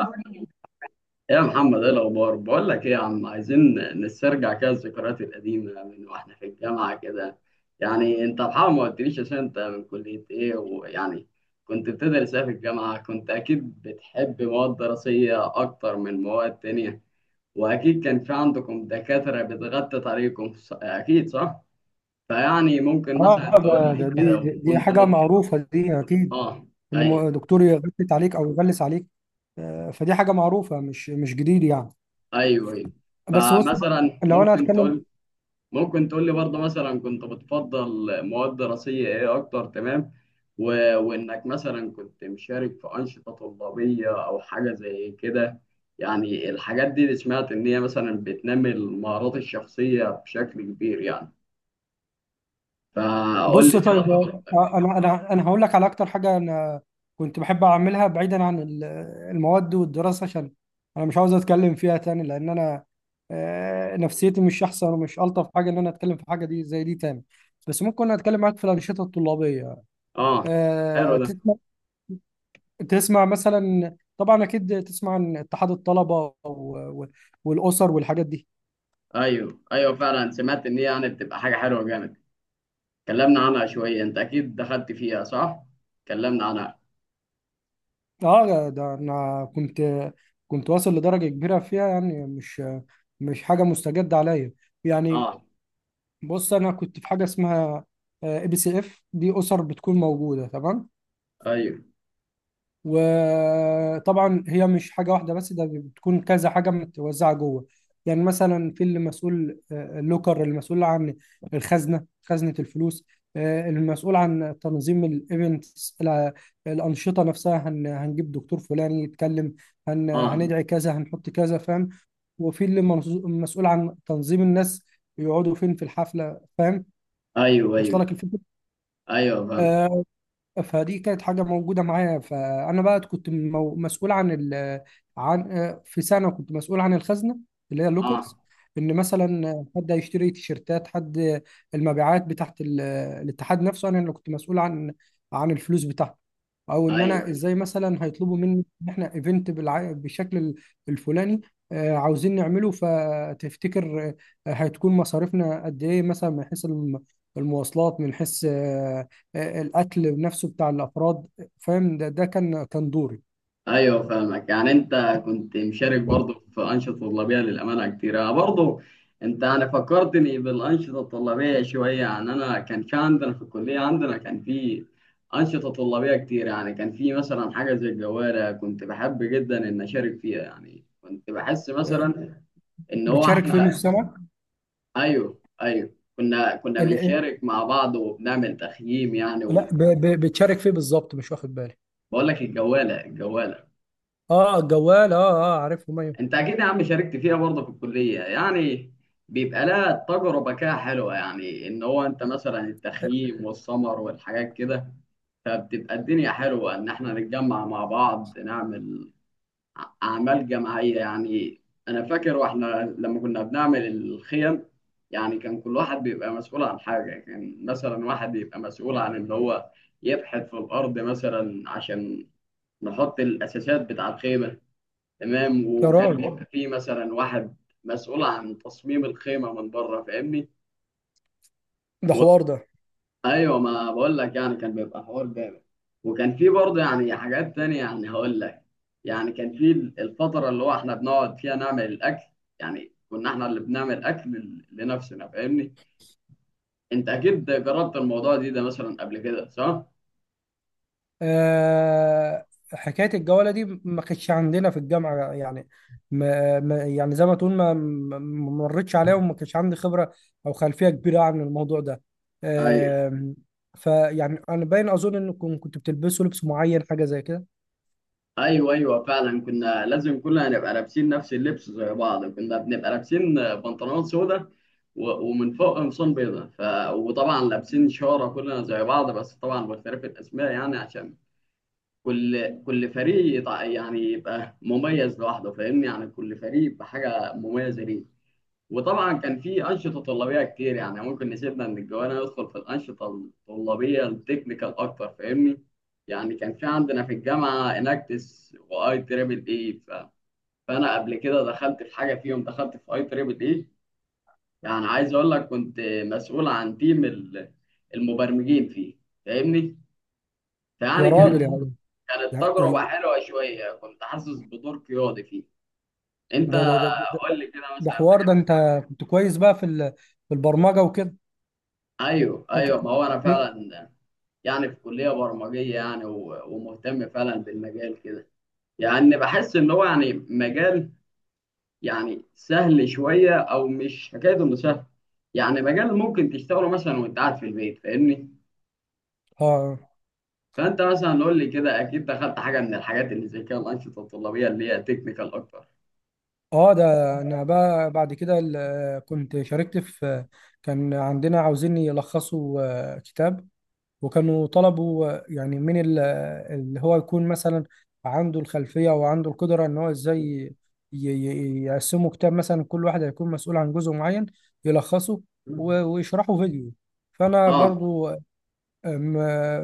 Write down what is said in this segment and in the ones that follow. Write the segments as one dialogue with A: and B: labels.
A: ايه يا محمد، ايه الاخبار؟ بقول لك ايه يا عم، عايزين نسترجع كده الذكريات القديمه من واحنا في الجامعه كده. يعني انت بحاول، ما قلتليش عشان انت من كليه ايه، ويعني كنت بتدرس ايه في الجامعه؟ كنت اكيد بتحب مواد دراسيه اكتر من مواد تانية، واكيد كان في عندكم دكاتره بتغطي طريقكم اكيد صح. فيعني ممكن
B: اه،
A: مثلا تقول
B: ده
A: لي
B: ده دي
A: كده،
B: دي دي حاجة معروفة دي أكيد،
A: اه،
B: إن
A: ايوه،
B: دكتور يغلس عليك أو يغلس عليك. فدي حاجة معروفة، مش جديد يعني.
A: ايوه، ايوه.
B: بس بص بقى،
A: فمثلا
B: لو أنا هتكلم.
A: ممكن تقول لي برضه مثلا كنت بتفضل مواد دراسية ايه اكتر، تمام. و... وانك مثلا كنت مشارك في أنشطة طلابية او حاجة زي كده، يعني الحاجات دي اللي سمعت ان هي مثلا بتنمي المهارات الشخصية بشكل كبير يعني. فقول
B: بص
A: لي
B: طيب.
A: كده.
B: أنا هقول لك على أكتر حاجة أنا كنت بحب أعملها بعيدا عن المواد والدراسة، عشان أنا مش عاوز أتكلم فيها تاني، لأن أنا نفسيتي مش أحسن ومش ألطف حاجة إن أنا أتكلم في حاجة دي زي دي تاني. بس ممكن أتكلم معاك في الأنشطة الطلابية.
A: اه، حلو
B: آه،
A: ده.
B: تسمع مثلا، طبعا اكيد تسمع عن اتحاد الطلبه والاسر والحاجات دي.
A: ايوه، ايوه، فعلا سمعت ان هي يعني بتبقى حاجة حلوة جامد. اتكلمنا عنها شوية، انت اكيد دخلت فيها صح؟ اتكلمنا عنها.
B: اه، ده انا كنت واصل لدرجه كبيره فيها، يعني مش حاجه مستجده عليا يعني.
A: اه،
B: بص، انا كنت في حاجه اسمها ABCFD، اسر بتكون موجوده، تمام.
A: ايوه،
B: وطبعا هي مش حاجة واحدة بس، ده بتكون كذا حاجة متوزعة جوه. يعني مثلا في اللي مسؤول اللوكر، المسؤول عن الخزنة، خزنة الفلوس. المسؤول عن تنظيم الايفنتس، الأنشطة نفسها، هنجيب دكتور فلاني يتكلم،
A: اه،
B: هندعي كذا، هنحط كذا، فاهم؟ وفي اللي مسؤول عن تنظيم الناس يقعدوا فين في الحفلة، فاهم؟
A: ايوه،
B: واصله
A: ايوه،
B: لك الفكرة.
A: ايوه، فاهم.
B: آه، فدي كانت حاجة موجودة معايا، فأنا بقى كنت مسؤول عن ال عن آه، في سنة كنت مسؤول عن الخزنة اللي هي
A: اه،
B: اللوكرز. إن مثلا حد هيشتري تيشيرتات، حد المبيعات بتاعت الاتحاد نفسه، أنا اللي كنت مسؤول عن الفلوس بتاعته. أو إن
A: ايوه،
B: أنا
A: ايوه،
B: إزاي مثلا هيطلبوا مني إن إحنا إيفنت بالشكل الفلاني عاوزين نعمله. فتفتكر هتكون مصاريفنا قد إيه، مثلا من حيث المواصلات، من حيث القتل نفسه بتاع الافراد، فاهم؟ ده كان دوري.
A: ايوه، فاهمك. يعني انت كنت مشارك برضه في انشطه طلابيه، للامانه كتير انا برضه، انت يعني فكرتني بالانشطه الطلابيه شويه. يعني انا كان في عندنا في الكليه، عندنا كان في انشطه طلابيه كتير. يعني كان في مثلا حاجه زي الجوالة، كنت بحب جدا ان اشارك فيها، يعني كنت بحس
B: آه،
A: مثلا ان هو
B: بتشارك فيه مش
A: احنا
B: سمك
A: ايوه، ايوه، كنا
B: ال- آه،
A: بنشارك مع بعض وبنعمل تخييم يعني.
B: لا،
A: وبقول
B: بتشارك فيه بالظبط، مش واخد بالي.
A: لك الجواله، الجواله.
B: اه، الجوال. اه، اه، عارفهم، ايوه.
A: انت اكيد يا عم شاركت فيها برضه في الكليه، يعني بيبقى لها تجربه كده حلوه، يعني ان هو انت مثلا
B: آه،
A: التخييم والسمر والحاجات كده فبتبقى الدنيا حلوه ان احنا نتجمع مع بعض نعمل اعمال جماعيه يعني. انا فاكر واحنا لما كنا بنعمل الخيم، يعني كان كل واحد بيبقى مسؤول عن حاجه. كان مثلا واحد يبقى مسؤول عن ان هو يبحث في الارض مثلا عشان نحط الاساسات بتاع الخيمه، تمام.
B: يا
A: وكان،
B: راجل،
A: أيوة، بيبقى فيه مثلا واحد مسؤول عن تصميم الخيمة من بره، فاهمني؟
B: ده
A: و...
B: حوار ده.
A: ايوه، ما بقول لك يعني كان بيبقى حوار جامد. وكان فيه برضه يعني حاجات تانية، يعني هقول لك، يعني كان فيه الفترة اللي هو احنا بنقعد فيها نعمل الأكل. يعني كنا احنا اللي بنعمل أكل لنفسنا، فاهمني؟ انت اكيد جربت الموضوع ده مثلا قبل كده صح؟
B: آه حكايه الجواله دي ما كانتش عندنا في الجامعه يعني. يعني زي ما تقول ما مرتش عليها، وما كانش عندي خبره او خلفيه كبيره عن الموضوع ده.
A: ايوه،
B: آه فيعني انا باين اظن انكم كنتوا بتلبسوا لبس معين، حاجه زي كده.
A: ايوه، ايوه، فعلا كنا لازم كلنا نبقى لابسين نفس اللبس زي بعض. كنا بنبقى لابسين بنطلونات سودا ومن فوق قمصان بيضاء وطبعا لابسين شاره كلنا زي بعض، بس طبعا باختلاف الاسماء، يعني عشان كل فريق يعني يبقى مميز لوحده، فاهمني؟ يعني كل فريق بحاجه مميزه ليه. وطبعا كان في انشطه طلابيه كتير، يعني ممكن نسيبنا من الجوانا ندخل في الانشطه الطلابيه التكنيكال اكتر، فاهمني؟ يعني كان في عندنا في الجامعه اناكتس واي تريبل اي فانا قبل كده دخلت في حاجه فيهم، دخلت في IEEE. يعني عايز اقول لك كنت مسؤول عن تيم المبرمجين فيه، فاهمني؟
B: يا
A: فيعني
B: راجل،
A: كانت
B: يا
A: مم.
B: عم،
A: كانت تجربه
B: يعني
A: حلوه شويه، كنت حاسس بدور قيادي فيه. انت
B: ده ده ده ده, ده,
A: قول لي كده
B: ده
A: مثلا
B: حوار ده.
A: حاجة.
B: انت كنت كويس بقى في في البرمجه وكده.
A: ايوه،
B: انت
A: ايوه، ما هو انا فعلا يعني في كلية برمجية يعني، ومهتم فعلا بالمجال كده. يعني بحس ان هو يعني مجال يعني سهل شوية، او مش حكاية انه سهل، يعني مجال ممكن تشتغله مثلا وانت قاعد في البيت، فاهمني؟
B: اه
A: فانت مثلا قول لي كده، اكيد دخلت حاجة من الحاجات اللي زي كده الانشطة الطلابية اللي هي تكنيكال اكتر.
B: اه ده انا بقى بعد كده كنت شاركت في، كان عندنا عاوزين يلخصوا كتاب، وكانوا طلبوا يعني من اللي هو يكون مثلا عنده الخلفية وعنده القدرة ان هو ازاي يقسموا كتاب، مثلا كل واحد هيكون مسؤول عن جزء معين يلخصه ويشرحه فيديو. فانا
A: اه،
B: برضو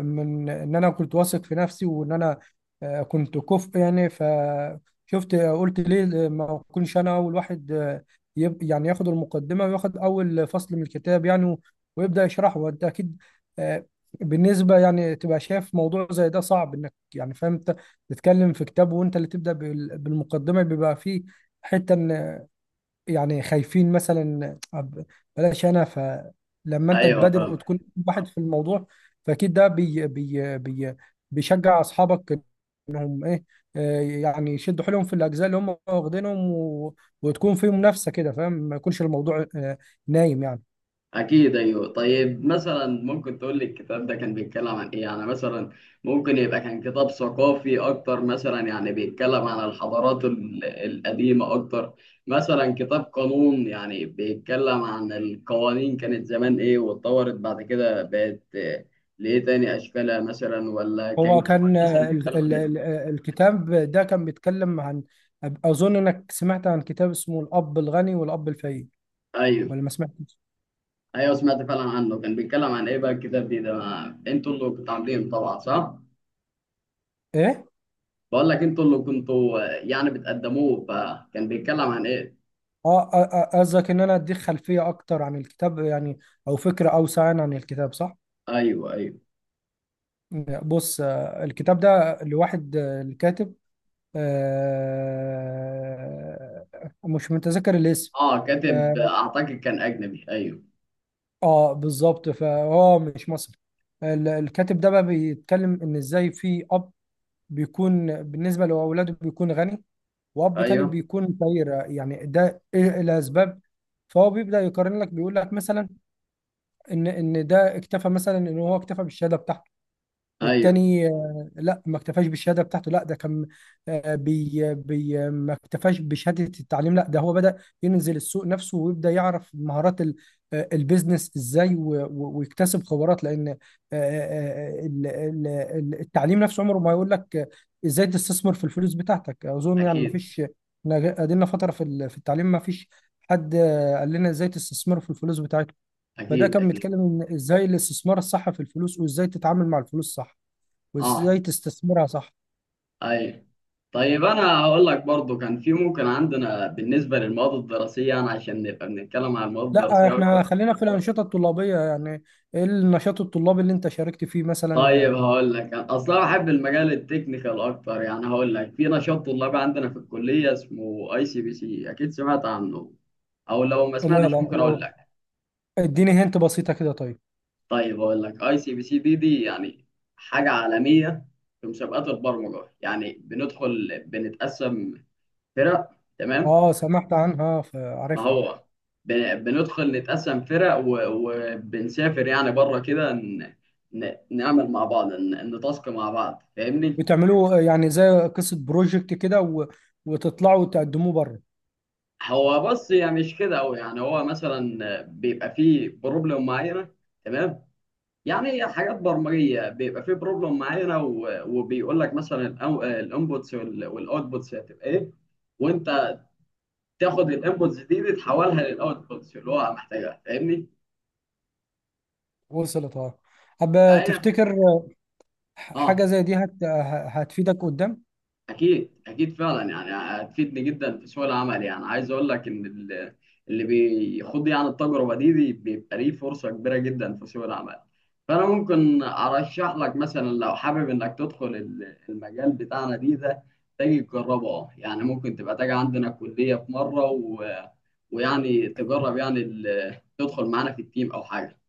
B: من ان انا كنت واثق في نفسي وان انا كنت كفء يعني، فشفت قلت ليه ما اكونش انا اول واحد، يعني ياخد المقدمه وياخد اول فصل من الكتاب، يعني ويبدا يشرحه. وانت اكيد آه، بالنسبه يعني تبقى شايف موضوع زي ده صعب، انك يعني فاهم انت تتكلم في كتاب وانت اللي تبدا بالمقدمه، بيبقى فيه حته إن يعني خايفين مثلا بلاش انا. فلما انت
A: ايوه،
B: تبادر
A: فاهم.
B: وتكون واحد في الموضوع، فاكيد ده بي بي بي بيشجع اصحابك انهم ايه، يعني يشدوا حيلهم في الاجزاء اللي هم واخدينهم، وتكون في منافسه كده، فاهم؟ ما يكونش الموضوع نايم يعني.
A: أكيد، أيوه. طيب مثلا ممكن تقول لي الكتاب ده كان بيتكلم عن إيه؟ يعني مثلا ممكن يبقى كان كتاب ثقافي أكتر، مثلا يعني بيتكلم عن الحضارات القديمة أكتر، مثلا كتاب قانون يعني بيتكلم عن القوانين كانت زمان إيه واتطورت بعد كده بقت لإيه تاني أشكالها مثلا، ولا كان
B: هو
A: كتاب
B: كان
A: مثلا بيتكلم عن إيه؟
B: الكتاب ده كان بيتكلم عن، اظن انك سمعت عن كتاب اسمه الاب الغني والاب الفقير،
A: أيوه،
B: ولا ما سمعتش؟
A: أيوه، سمعت فعلا عنه. كان بيتكلم عن إيه بقى الكتاب ده؟ أنتوا اللي كنتوا عاملينه طبعا صح؟
B: ايه.
A: بقول لك انتوا اللي كنتوا يعني بتقدموه، فكان بيتكلم عن ايه؟
B: اه. قصدك ان انا اديك خلفيه اكتر عن الكتاب يعني، او فكره اوسع يعني عن الكتاب، صح؟
A: ايوه، ايوه.
B: بص، الكتاب ده لواحد، الكاتب، آه، مش متذكر الاسم.
A: اه، كاتب
B: اه،
A: اعتقد كان اجنبي، ايوه.
B: بالظبط، فهو مش مصري. الكاتب ده بقى بيتكلم ان ازاي في اب بيكون بالنسبه لاولاده بيكون غني، واب تاني
A: ايوه،
B: بيكون فقير، يعني ده ايه الاسباب. فهو بيبدا يقارن لك، بيقول لك مثلا ان ده اكتفى، مثلا ان هو اكتفى بالشهاده بتاعته،
A: ايوه،
B: والتاني لا، ما اكتفاش بالشهاده بتاعته، لا ده كان آه، بي بي ما اكتفاش بشهاده التعليم، لا ده هو بدأ ينزل السوق نفسه، ويبدأ يعرف مهارات البيزنس ازاي، ويكتسب خبرات، لان آه، التعليم نفسه عمره ما يقول لك ازاي تستثمر في الفلوس بتاعتك. اظن يعني ما
A: اكيد،
B: فيش، إحنا قضينا فتره في في التعليم، ما فيش حد قال لنا ازاي تستثمر في الفلوس بتاعتك. فده
A: اكيد،
B: كان
A: اكيد.
B: بيتكلم ان ازاي الاستثمار الصح في الفلوس، وازاي تتعامل مع الفلوس صح،
A: اه،
B: وازاي تستثمرها صح.
A: ايوه. طيب انا هقول لك برضو كان في ممكن عندنا بالنسبه للمواد الدراسيه، يعني عشان نبقى بنتكلم عن المواد
B: لا،
A: الدراسيه اكتر.
B: احنا خلينا في الانشطه الطلابيه يعني، ايه النشاط الطلابي اللي انت شاركت فيه
A: طيب
B: مثلا؟
A: هقول لك، انا اصلا بحب المجال التكنيكال اكتر. يعني هقول لك في نشاط طلابي عندنا في الكليه اسمه ICPC، اكيد سمعت عنه، او لو ما
B: لا، لا،
A: سمعتش ممكن اقول
B: لو
A: لك.
B: اديني هنت بسيطه كده، طيب.
A: طيب اقول لك، ICPC دي يعني حاجه عالميه في مسابقات البرمجه. يعني بندخل بنتقسم فرق، تمام؟
B: اه، سمعت عنها
A: ما
B: فعارفها.
A: هو بندخل نتقسم فرق، وبنسافر يعني بره كده نعمل مع بعض، نتاسك مع بعض، فاهمني؟
B: بتعملوا يعني زي قصه بروجكت كده، وتطلعوا وتقدموه بره.
A: هو بص، يعني مش كده قوي. يعني هو مثلا بيبقى فيه بروبلم معينه، تمام؟ يعني حاجات برمجيه، بيبقى في بروبلم معينه وبيقول لك مثلا الانبوتس والاوتبوتس هتبقى ايه، وانت تاخد الانبوتس دي تحولها للاوتبوتس اللي هو محتاجها، فاهمني؟
B: وصلت، اه. طب،
A: فهي،
B: تفتكر
A: اه،
B: حاجه زي دي هتفيدك قدام؟
A: اكيد، اكيد، فعلا يعني هتفيدني جدا في سوق العمل. يعني عايز اقول لك ان اللي بيخوض يعني التجربه دي بيبقى ليه فرصه كبيره جدا في سوق العمل. فانا ممكن ارشح لك مثلا، لو حابب انك تدخل المجال بتاعنا ده، تيجي تجربه. اه يعني ممكن تبقى تيجي عندنا الكليه في مره ويعني تجرب يعني تدخل معانا في التيم او حاجه.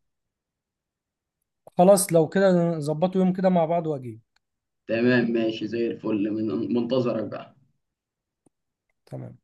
B: خلاص، لو كده نظبطوا يوم كده مع بعض واجي.
A: تمام، ماشي زي الفل، من منتظرك بقى.
B: تمام.